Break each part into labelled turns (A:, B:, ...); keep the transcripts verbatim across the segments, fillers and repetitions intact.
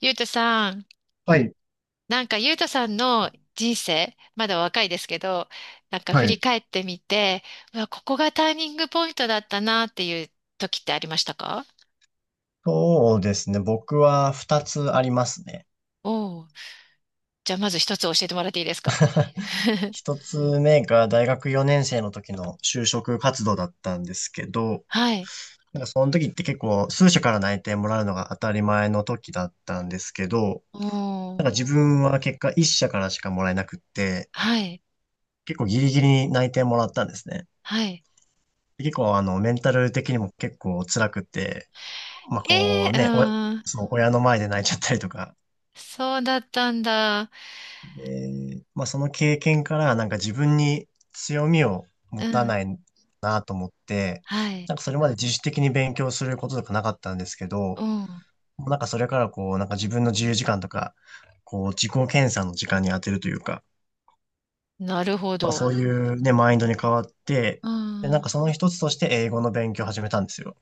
A: ゆうたさん、
B: はい、
A: なんかゆうたさんの人生、まだ若いですけど、なんか
B: は
A: 振り
B: い。
A: 返ってみて、うわ、ここがターニングポイントだったなっていう時ってありましたか？
B: そうですね。僕は二つありますね。
A: おおー、じゃあまず一つ教えてもらっていいですか？
B: 一つ目が大学よねん生の時の就職活動だったんですけど、
A: はい。
B: なんかその時って結構数社から内定もらうのが当たり前の時だったんですけど、
A: おお、
B: なんか自分は結果一社からしかもらえなくって、
A: はい、
B: 結構ギリギリに内定もらったんですね。
A: はい。
B: で結構あのメンタル的にも結構辛くて、まあ
A: え
B: こ
A: え
B: う
A: ー、
B: ね、お
A: うん、
B: そう、親の前で泣いちゃったりとか、
A: そうだったんだ。
B: えーまあ、その経験からなんか自分に強みを持
A: う
B: たな
A: ん、
B: いなと思って、
A: はい、
B: なんかそれまで自主的に勉強することとかなかったんですけど、
A: うん、
B: なんかそれからこう、なんか自分の自由時間とか、こう自己検査の時間に当てるというか、
A: なるほ
B: まあ
A: ど。
B: そういうね、マインドに変わって、
A: う
B: で、なん
A: ん。
B: かその一つとして英語の勉強を始めたんですよ。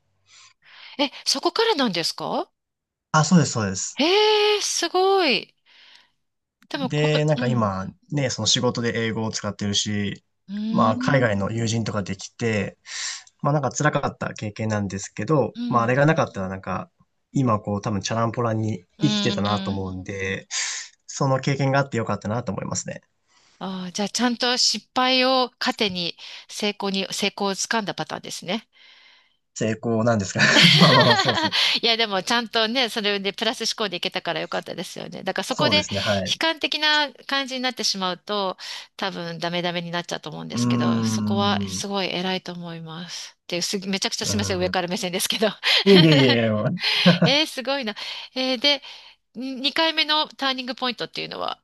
A: え、そこからなんですか？
B: あ、そうです、そうです。
A: ええー、すごい。でもこ、
B: で、なん
A: う
B: か
A: ん。
B: 今、ね、その仕事で英語を使ってるし、
A: う
B: ま
A: ー
B: あ、海
A: ん。
B: 外の友人とかできて、まあ、なんか辛かった経験なんですけど、
A: う
B: まあ、あれ
A: ん。
B: がなかったら、なんか、今、こう、多分、チャランポランに
A: う
B: 生きてたなと
A: ーん。
B: 思うんで、その経験があってよかったなと思いますね。
A: ああ、じゃあ、ちゃんと失敗を糧に成功に、成功をつかんだパターンですね。
B: 成功なんですか？ まあまあ、そうですね。
A: いや、でも、ちゃんとね、それでプラス思考でいけたからよかったですよね。だから、そこ
B: そう
A: で
B: で
A: 悲
B: すね、はい。
A: 観的な感じになってしまうと、多分、ダメダメになっちゃうと思うんで
B: うー
A: すけど、そこは
B: ん。う
A: すごい偉いと思います。っていう、す、めちゃくちゃすみません、上
B: ー
A: から
B: ん。
A: 目線ですけど。
B: いえいえいえ、
A: えー、すごいな。えーで、ににかいめのターニングポイントっていうのは？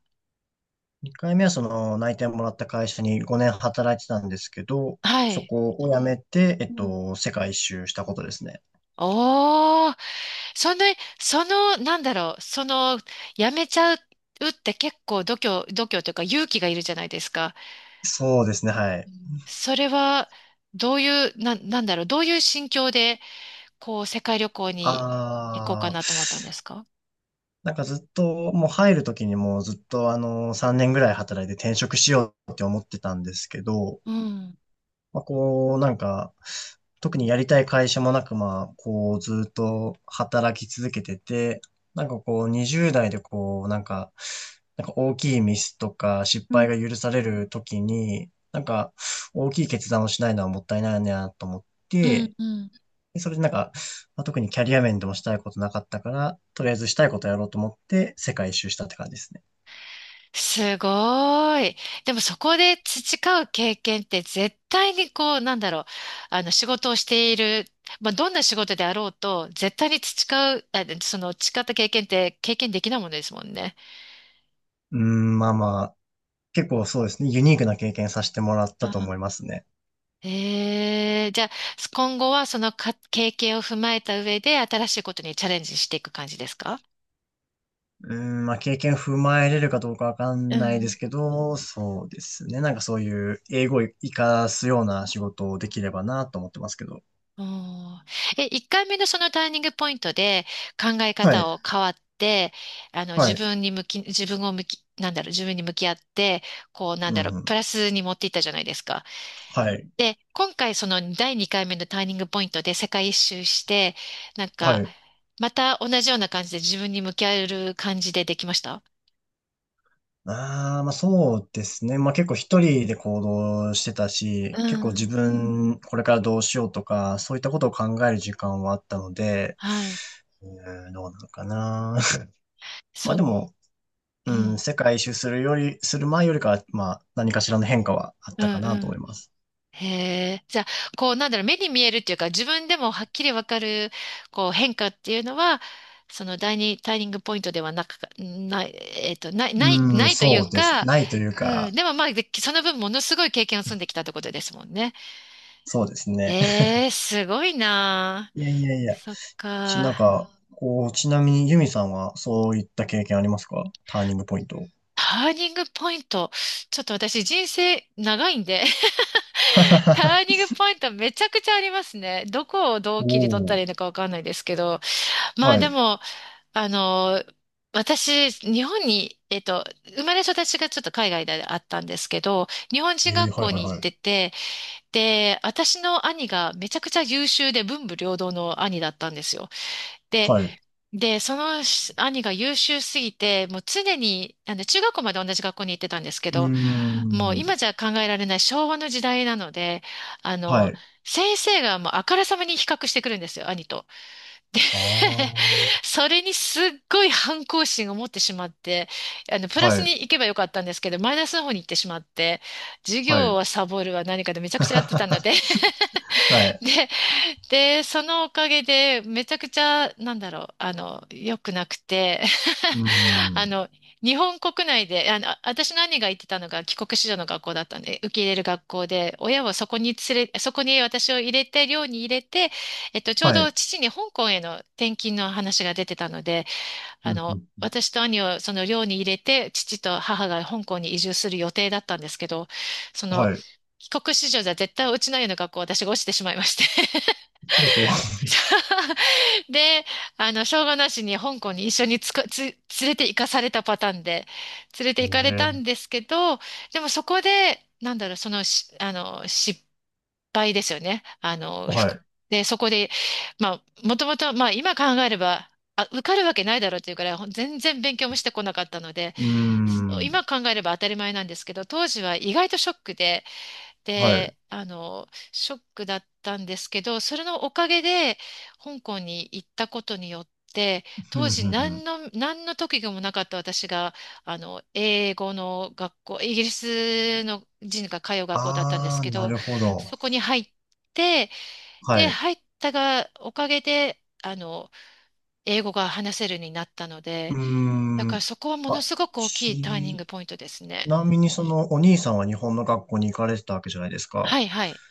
B: にかいめはその内定もらった会社にごねん働いてたんですけど、
A: は
B: そ
A: い。
B: こを辞めて、えっと、世界一周したことですね。
A: おー、その、その、なんだろう、その、やめちゃうって結構度胸、度胸というか勇気がいるじゃないですか。
B: そうですね、は
A: う
B: い。
A: ん、それは、どういう、な、なんだろう、どういう心境で、こう、世界旅行に行こうか
B: あー、
A: なと思ったんですか？
B: なんかずっと、もう入るときにもうずっとあの、さんねんぐらい働いて転職しようって思ってたんですけど、
A: うん、
B: まあ、こう、なんか、特にやりたい会社もなく、まあ、こう、ずっと働き続けてて、なんかこう、にじゅうだい代でこう、なんか、なんか大きいミスとか失
A: う
B: 敗
A: ん
B: が許されるときに、なんか、大きい決断をしないのはもったいないなと思っ
A: うん、
B: て、
A: うん。
B: それでなんか、まあ、特にキャリア面でもしたいことなかったから、とりあえずしたいことやろうと思って世界一周したって感じですね。
A: すごい。でもそこで培う経験って絶対にこう、なんだろう、あの仕事をしている、まあ、どんな仕事であろうと、絶対に培う、あ、その培った経験って経験できないものですもんね。
B: うーん、まあまあ、結構そうですね、ユニークな経験させてもらったと
A: あ、
B: 思いますね。
A: ええ、じゃあ、今後はそのか経験を踏まえた上で新しいことにチャレンジしていく感じですか？
B: うん、まあ、経験踏まえれるかどうかわか
A: う
B: んないです
A: ん、
B: けど、そうですね。なんかそういう英語を活かすような仕事をできればなと思ってますけど。
A: おー、え、いっかいめのそのターニングポイントで考え
B: はい、
A: 方を変わって、あの、自
B: はい、
A: 分に向き、自分を向き、なんだろう、自分に向き合って、こう、なん
B: う
A: だろう、プ
B: ん、
A: ラスに持っていったじゃないですか。
B: はい、
A: で、今回そのだいにかいめのターニングポイントで世界一周して、なん
B: は
A: か、
B: い。
A: また同じような感じで自分に向き合える感じでできました？
B: ああ、まあそうですね。まあ結構一人で行動してた
A: う
B: し、結構
A: ん。
B: 自分これからどうしようとか、そういったことを考える時間はあったので、
A: はい。
B: うん、どうなのかな。ま
A: そ
B: あ
A: う、
B: でも、
A: う
B: うん、
A: ん
B: 世界一周するより、する前よりかは、まあ、何かしらの変化はあっ
A: うん。
B: た
A: う
B: かなと思
A: ん、
B: います。
A: へえ。じゃあ、こう、なんだろう、目に見えるっていうか、自分でもはっきりわかる、こう、変化っていうのは、その第二ターニングポイントではなく、ない、えっと、ない、ない、
B: う
A: な
B: ん、
A: いとい
B: そ
A: う
B: うです。
A: か、
B: ないという
A: うん、
B: か、
A: でもまあ、でその分ものすごい経験を積んできたってことですもんね。
B: そうですね。
A: ええ、すごいなあ。
B: いやいやいや。
A: そっ
B: ち、な
A: か。
B: んか、こう、ちなみにユミさんはそういった経験ありますか？ターニングポイント。
A: ターニングポイント。ちょっと私人生長いんで、ターニン グポイントめちゃくちゃありますね。どこをどう
B: お
A: 切り取ったらい
B: お、
A: いのかわかんないですけど。まあ
B: は
A: で
B: い。
A: も、あの、私、日本に、えっと、生まれ育ちがちょっと海外であったんですけど、日本人
B: え
A: 学
B: ー、はい
A: 校
B: はい
A: に行
B: は
A: って
B: い。
A: て、で、私の兄がめちゃくちゃ優秀で文武両道の兄だったんですよ。で、
B: はい。
A: で、その兄が優秀すぎて、もう常に、あの、中学校まで同じ学校に行ってたんですけ
B: うー
A: ど、もう
B: ん、
A: 今じゃ考えられない昭和の時代なので、あ
B: は
A: の、
B: い。
A: 先生がもうあからさまに比較してくるんですよ、兄と。
B: ああ、は
A: それにすっごい反抗心を持ってしまって、あの、プラス
B: い、
A: に行けばよかったんですけど、マイナスの方に行ってしまって、授
B: は
A: 業
B: い。
A: はサボるは何かでめちゃくちゃやってたので、
B: はい。
A: で、で、そのおかげで、めちゃくちゃ、なんだろう、あの、良くなくて、
B: うー
A: あ
B: ん、
A: の、日本国内で、あの、私の兄が行ってたのが帰国子女の学校だったんで、受け入れる学校で、親をそこに連れ、そこに私を入れて、寮に入れて、えっと、ちょう
B: はい。
A: ど父に香港への転勤の話が出てたので、あ
B: うん
A: の、
B: うん
A: 私と兄をその寮に入れて、父と母が香港に移住する予定だったんですけど、その、
B: はい。
A: 帰国子女じゃ絶対落ちないような学校、私が落ちてしまいまして。
B: ほうほう。
A: で、あの、しょうがなしに香港に一緒につか、つ、連れて行かされたパターンで、連れて行かれた
B: え
A: んですけど、でもそこで、なんだろう、そのし、あの、失敗ですよね。あ
B: ー、
A: の、ふ
B: は
A: く
B: い。
A: で、そこで、まあ、もともと、まあ、今考えれば、あ、受かるわけないだろうっていうから、ほん全然勉強もしてこなかったので、
B: うーん。
A: 今考えれば当たり前なんですけど、当時は意外とショックで、
B: はい。
A: で、あの、ショックだったんですけど、それのおかげで、香港に行ったことによって、
B: ふ
A: 当
B: んふ
A: 時
B: んふん。
A: 何の、何の特技もなかった私が、あの、英語の学校、イギリスの人が通う学校だったんです
B: ああ、
A: け
B: な
A: ど、
B: るほど。
A: そこに入って、
B: は
A: で、
B: い。
A: 入ったが、おかげで、あの、英語が話せるようになったの
B: う
A: で、
B: ー
A: だから
B: ん。
A: そこはもの
B: あ、
A: すごく大きいターニン
B: ち
A: グポイントですね。
B: なみにそのお兄さんは日本の学校に行かれてたわけじゃないですか。
A: はいはい。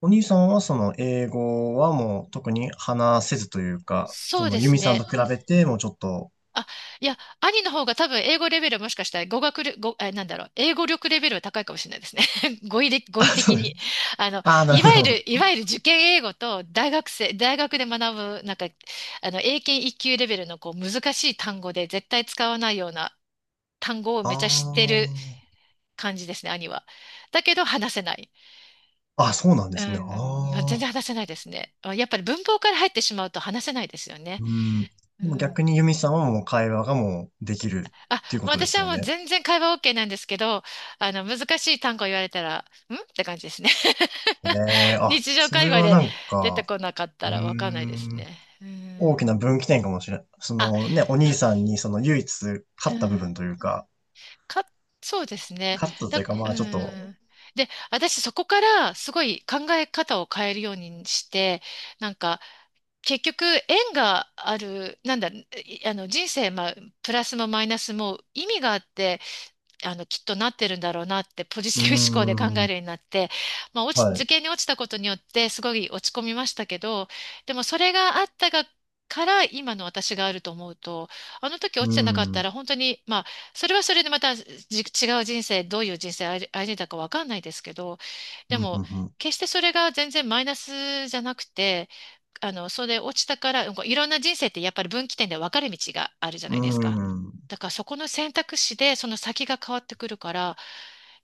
B: お兄さんはその英語はもう特に話せずというか、そ
A: そう
B: の
A: で
B: ユ
A: す
B: ミさん
A: ね。
B: と比べてもうちょっと。
A: あ、いや、兄の方が多分英語レベルはもしかしたら語学力、語、え、なんだろう、英語力レベルは高いかもしれないですね。語彙で、語
B: あ、
A: 彙
B: そ
A: 的
B: うで
A: に。
B: す。
A: あの、
B: ああ、な
A: い
B: るほ
A: わ
B: ど、な
A: ゆ
B: るほど。
A: る、いわゆる受験英語と大学生、大学で学ぶ、なんか、あの、英検一級レベルのこう難しい単語で絶対使わないような単語を
B: あ
A: めちゃ知ってる感じですね、兄は。だけど話せない。
B: あ。あ、そうなんで
A: う
B: すね。あ
A: ん、まあ全然
B: あ。
A: 話せないですね。あ、やっぱり文法から入ってしまうと話せないですよね。
B: うん。
A: う
B: でも逆
A: ん、
B: にユミさんはもう会話がもうできる
A: あ、
B: っていうこ
A: まあ
B: とで
A: 私
B: す
A: は
B: よ
A: もう
B: ね。
A: 全然会話 OK なんですけど、あの、難しい単語言われたら、んって感じですね。
B: ええ あ、
A: 日常
B: そ
A: 会
B: れ
A: 話
B: は
A: で
B: なん
A: 出て
B: か、
A: こなかっ
B: う
A: た
B: ー
A: らわかんないです
B: ん、
A: ね。う
B: 大
A: ん。
B: きな分岐点かもしれん。そ
A: あ、
B: のね、お兄さんにその唯一勝
A: う
B: った部
A: ん。
B: 分というか、
A: か、そうですね。
B: 勝った
A: だ、
B: というか、ま
A: う
B: あちょっと。
A: ん。で、私そこからすごい考え方を変えるようにして、なんか、結局縁がある、なんだ、いあの人生、まあ、プラスもマイナスも意味があって、あの、きっとなってるんだろうなって、ポジ
B: う
A: テ
B: ー
A: ィブ思考で考え
B: ん、
A: るようになって、まあ、落
B: は
A: ち、受
B: い、
A: 験に落ちたことによって、すごい落ち込みましたけど、でもそれがあったが、から今の私があると思うと、あの時落
B: う
A: ち
B: ー
A: てなかっ
B: ん、う
A: た
B: ん、
A: ら本当に、まあ、それはそれでまたじ違う人生、どういう人生歩んでたかわかんないですけど、で
B: う
A: も、
B: ん、
A: 決してそれが全然マイナスじゃなくて、あの、それ落ちたから、こういろんな人生ってやっぱり分岐点で分かれ道があるじゃな
B: う
A: いですか。
B: ん、うーん、
A: だからそこの選択肢でその先が変わってくるから、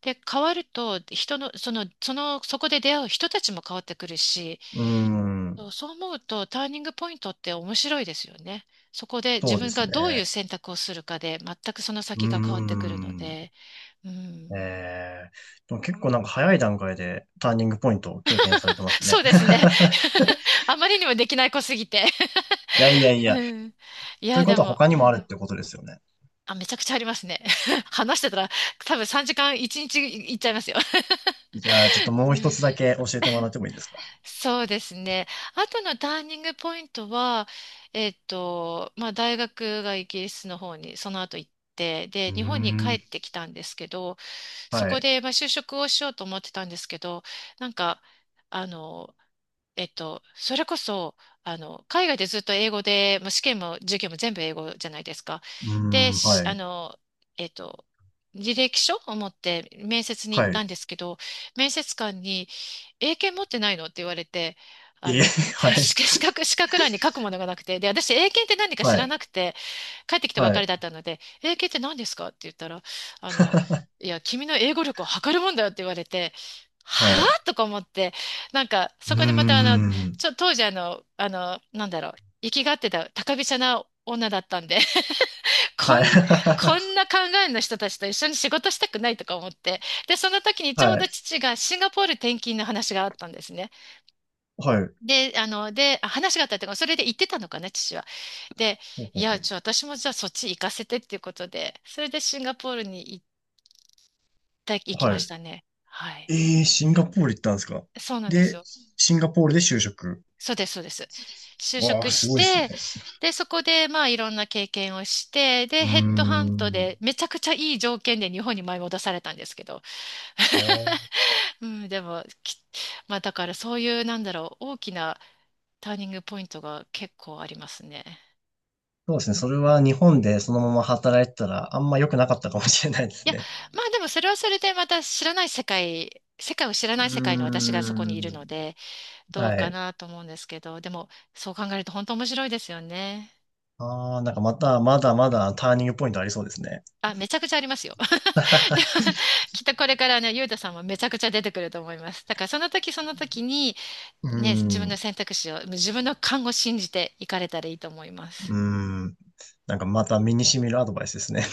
A: で、変わると人の、その、その、そこで出会う人たちも変わってくるし、
B: うーん、
A: そうそう思うとターニングポイントって面白いですよね。そこで
B: そ
A: 自
B: うで
A: 分
B: す
A: がどういう
B: ね。
A: 選択をするかで全くその
B: うー
A: 先が変わってくるの
B: ん、
A: で、うん、
B: ええでも結構なんか早い段階でターニングポイントを経験されてますね。
A: そうですね。あまりにもできない子すぎて。
B: いやいやいや、
A: うん、い
B: という
A: や、
B: こ
A: で
B: とは
A: も。
B: 他に
A: う
B: もあ
A: ん、
B: るってことですよね。
A: あ、めちゃくちゃありますね。話してたら多分さんじかんいちにちいちにちいっちゃいますよ。
B: じゃあ、ちょっと も
A: う
B: う一
A: ん、
B: つだけ教えてもらってもいいですか？
A: そうですね。あとのターニングポイントは、えっと、まあ大学がイギリスの方にその後行って、
B: う
A: で、
B: ー
A: 日本に帰
B: ん、
A: ってきたんですけど、そ
B: は
A: こ
B: い。
A: でまあ就職をしようと思ってたんですけど、なんか、あの、えっと、それこそ、あの、海外でずっと英語で、もう試験も授業も全部英語じゃないですか。
B: うー
A: で、
B: ん、
A: し
B: は
A: あ
B: い。
A: の、えっと、履歴書を持って面接に行っ
B: は
A: たん
B: い。
A: ですけど、面接官に、英検持ってないのって言われて、あ
B: いえ、
A: の、
B: はい。
A: 資格、資格欄に書くものがなくて、で、私、英検って何か知
B: は
A: ら
B: い。
A: なくて、帰ってきたば
B: は
A: かり
B: い。
A: だったので、英検って何ですかって言ったら、あの、いや、君の英語力を測るもんだよって言われて、は
B: はい。
A: ぁとか思って、なんか、
B: う
A: そ
B: ー
A: こでまたあの、
B: ん。
A: ちょ、当時あの、あの、なんだろう、行きがってた高飛車な女だったんで、こ
B: はい。
A: ん、こん な考えの人たちと一緒に仕事したくないとか思って、で、その時にちょう
B: は
A: ど
B: い。
A: 父がシンガポール転勤の話があったんですね。
B: はい。
A: で、あの、で、あ話があったっていうか、それで行ってたのかな、父は。で、
B: ほうほ
A: い
B: う
A: や、
B: ほう。
A: ちょ、私もじゃあそっち行かせてっていうことで、それでシンガポールに行った、行きまし
B: は
A: たね。はい。
B: い。えー、シンガポール行ったんですか？
A: そうなんです
B: で、
A: よ。
B: シンガポールで就職。
A: そうです、そうです。就
B: わ
A: 職
B: あ、す
A: し
B: ごいで
A: て、
B: すね。
A: で、そこで、まあ、いろんな経験をして、で、
B: うー
A: ヘッドハント
B: ん。
A: で、めちゃくちゃいい条件で日本に舞い戻されたんですけど。うん、でも、きまあ、だからそういう、なんだろう、大きなターニングポイントが結構ありますね。
B: そうですね。それは日本でそのまま働いてたらあんま良くなかったかもしれないで
A: い
B: す
A: や、
B: ね。
A: まあでもそれはそれでまた知らない世界、世界を知ら
B: う
A: ない世界の私がそこにい
B: ー
A: るの
B: ん。
A: で、どう
B: は
A: か
B: い。
A: なと思うんですけど、でもそう考えると本当面白いですよね。
B: ああ、なんかまた、まだまだターニングポイントありそうですね。
A: あ、めちゃくちゃありますよ。で、きっとこれからね、ゆうたさんもめちゃくちゃ出てくると思います。だからその時その時に、
B: う
A: ね、自分の
B: ん。
A: 選択肢を、自分の勘を信じていかれたらいいと思います。
B: うん。なんかまた身に染みるアドバイスですね。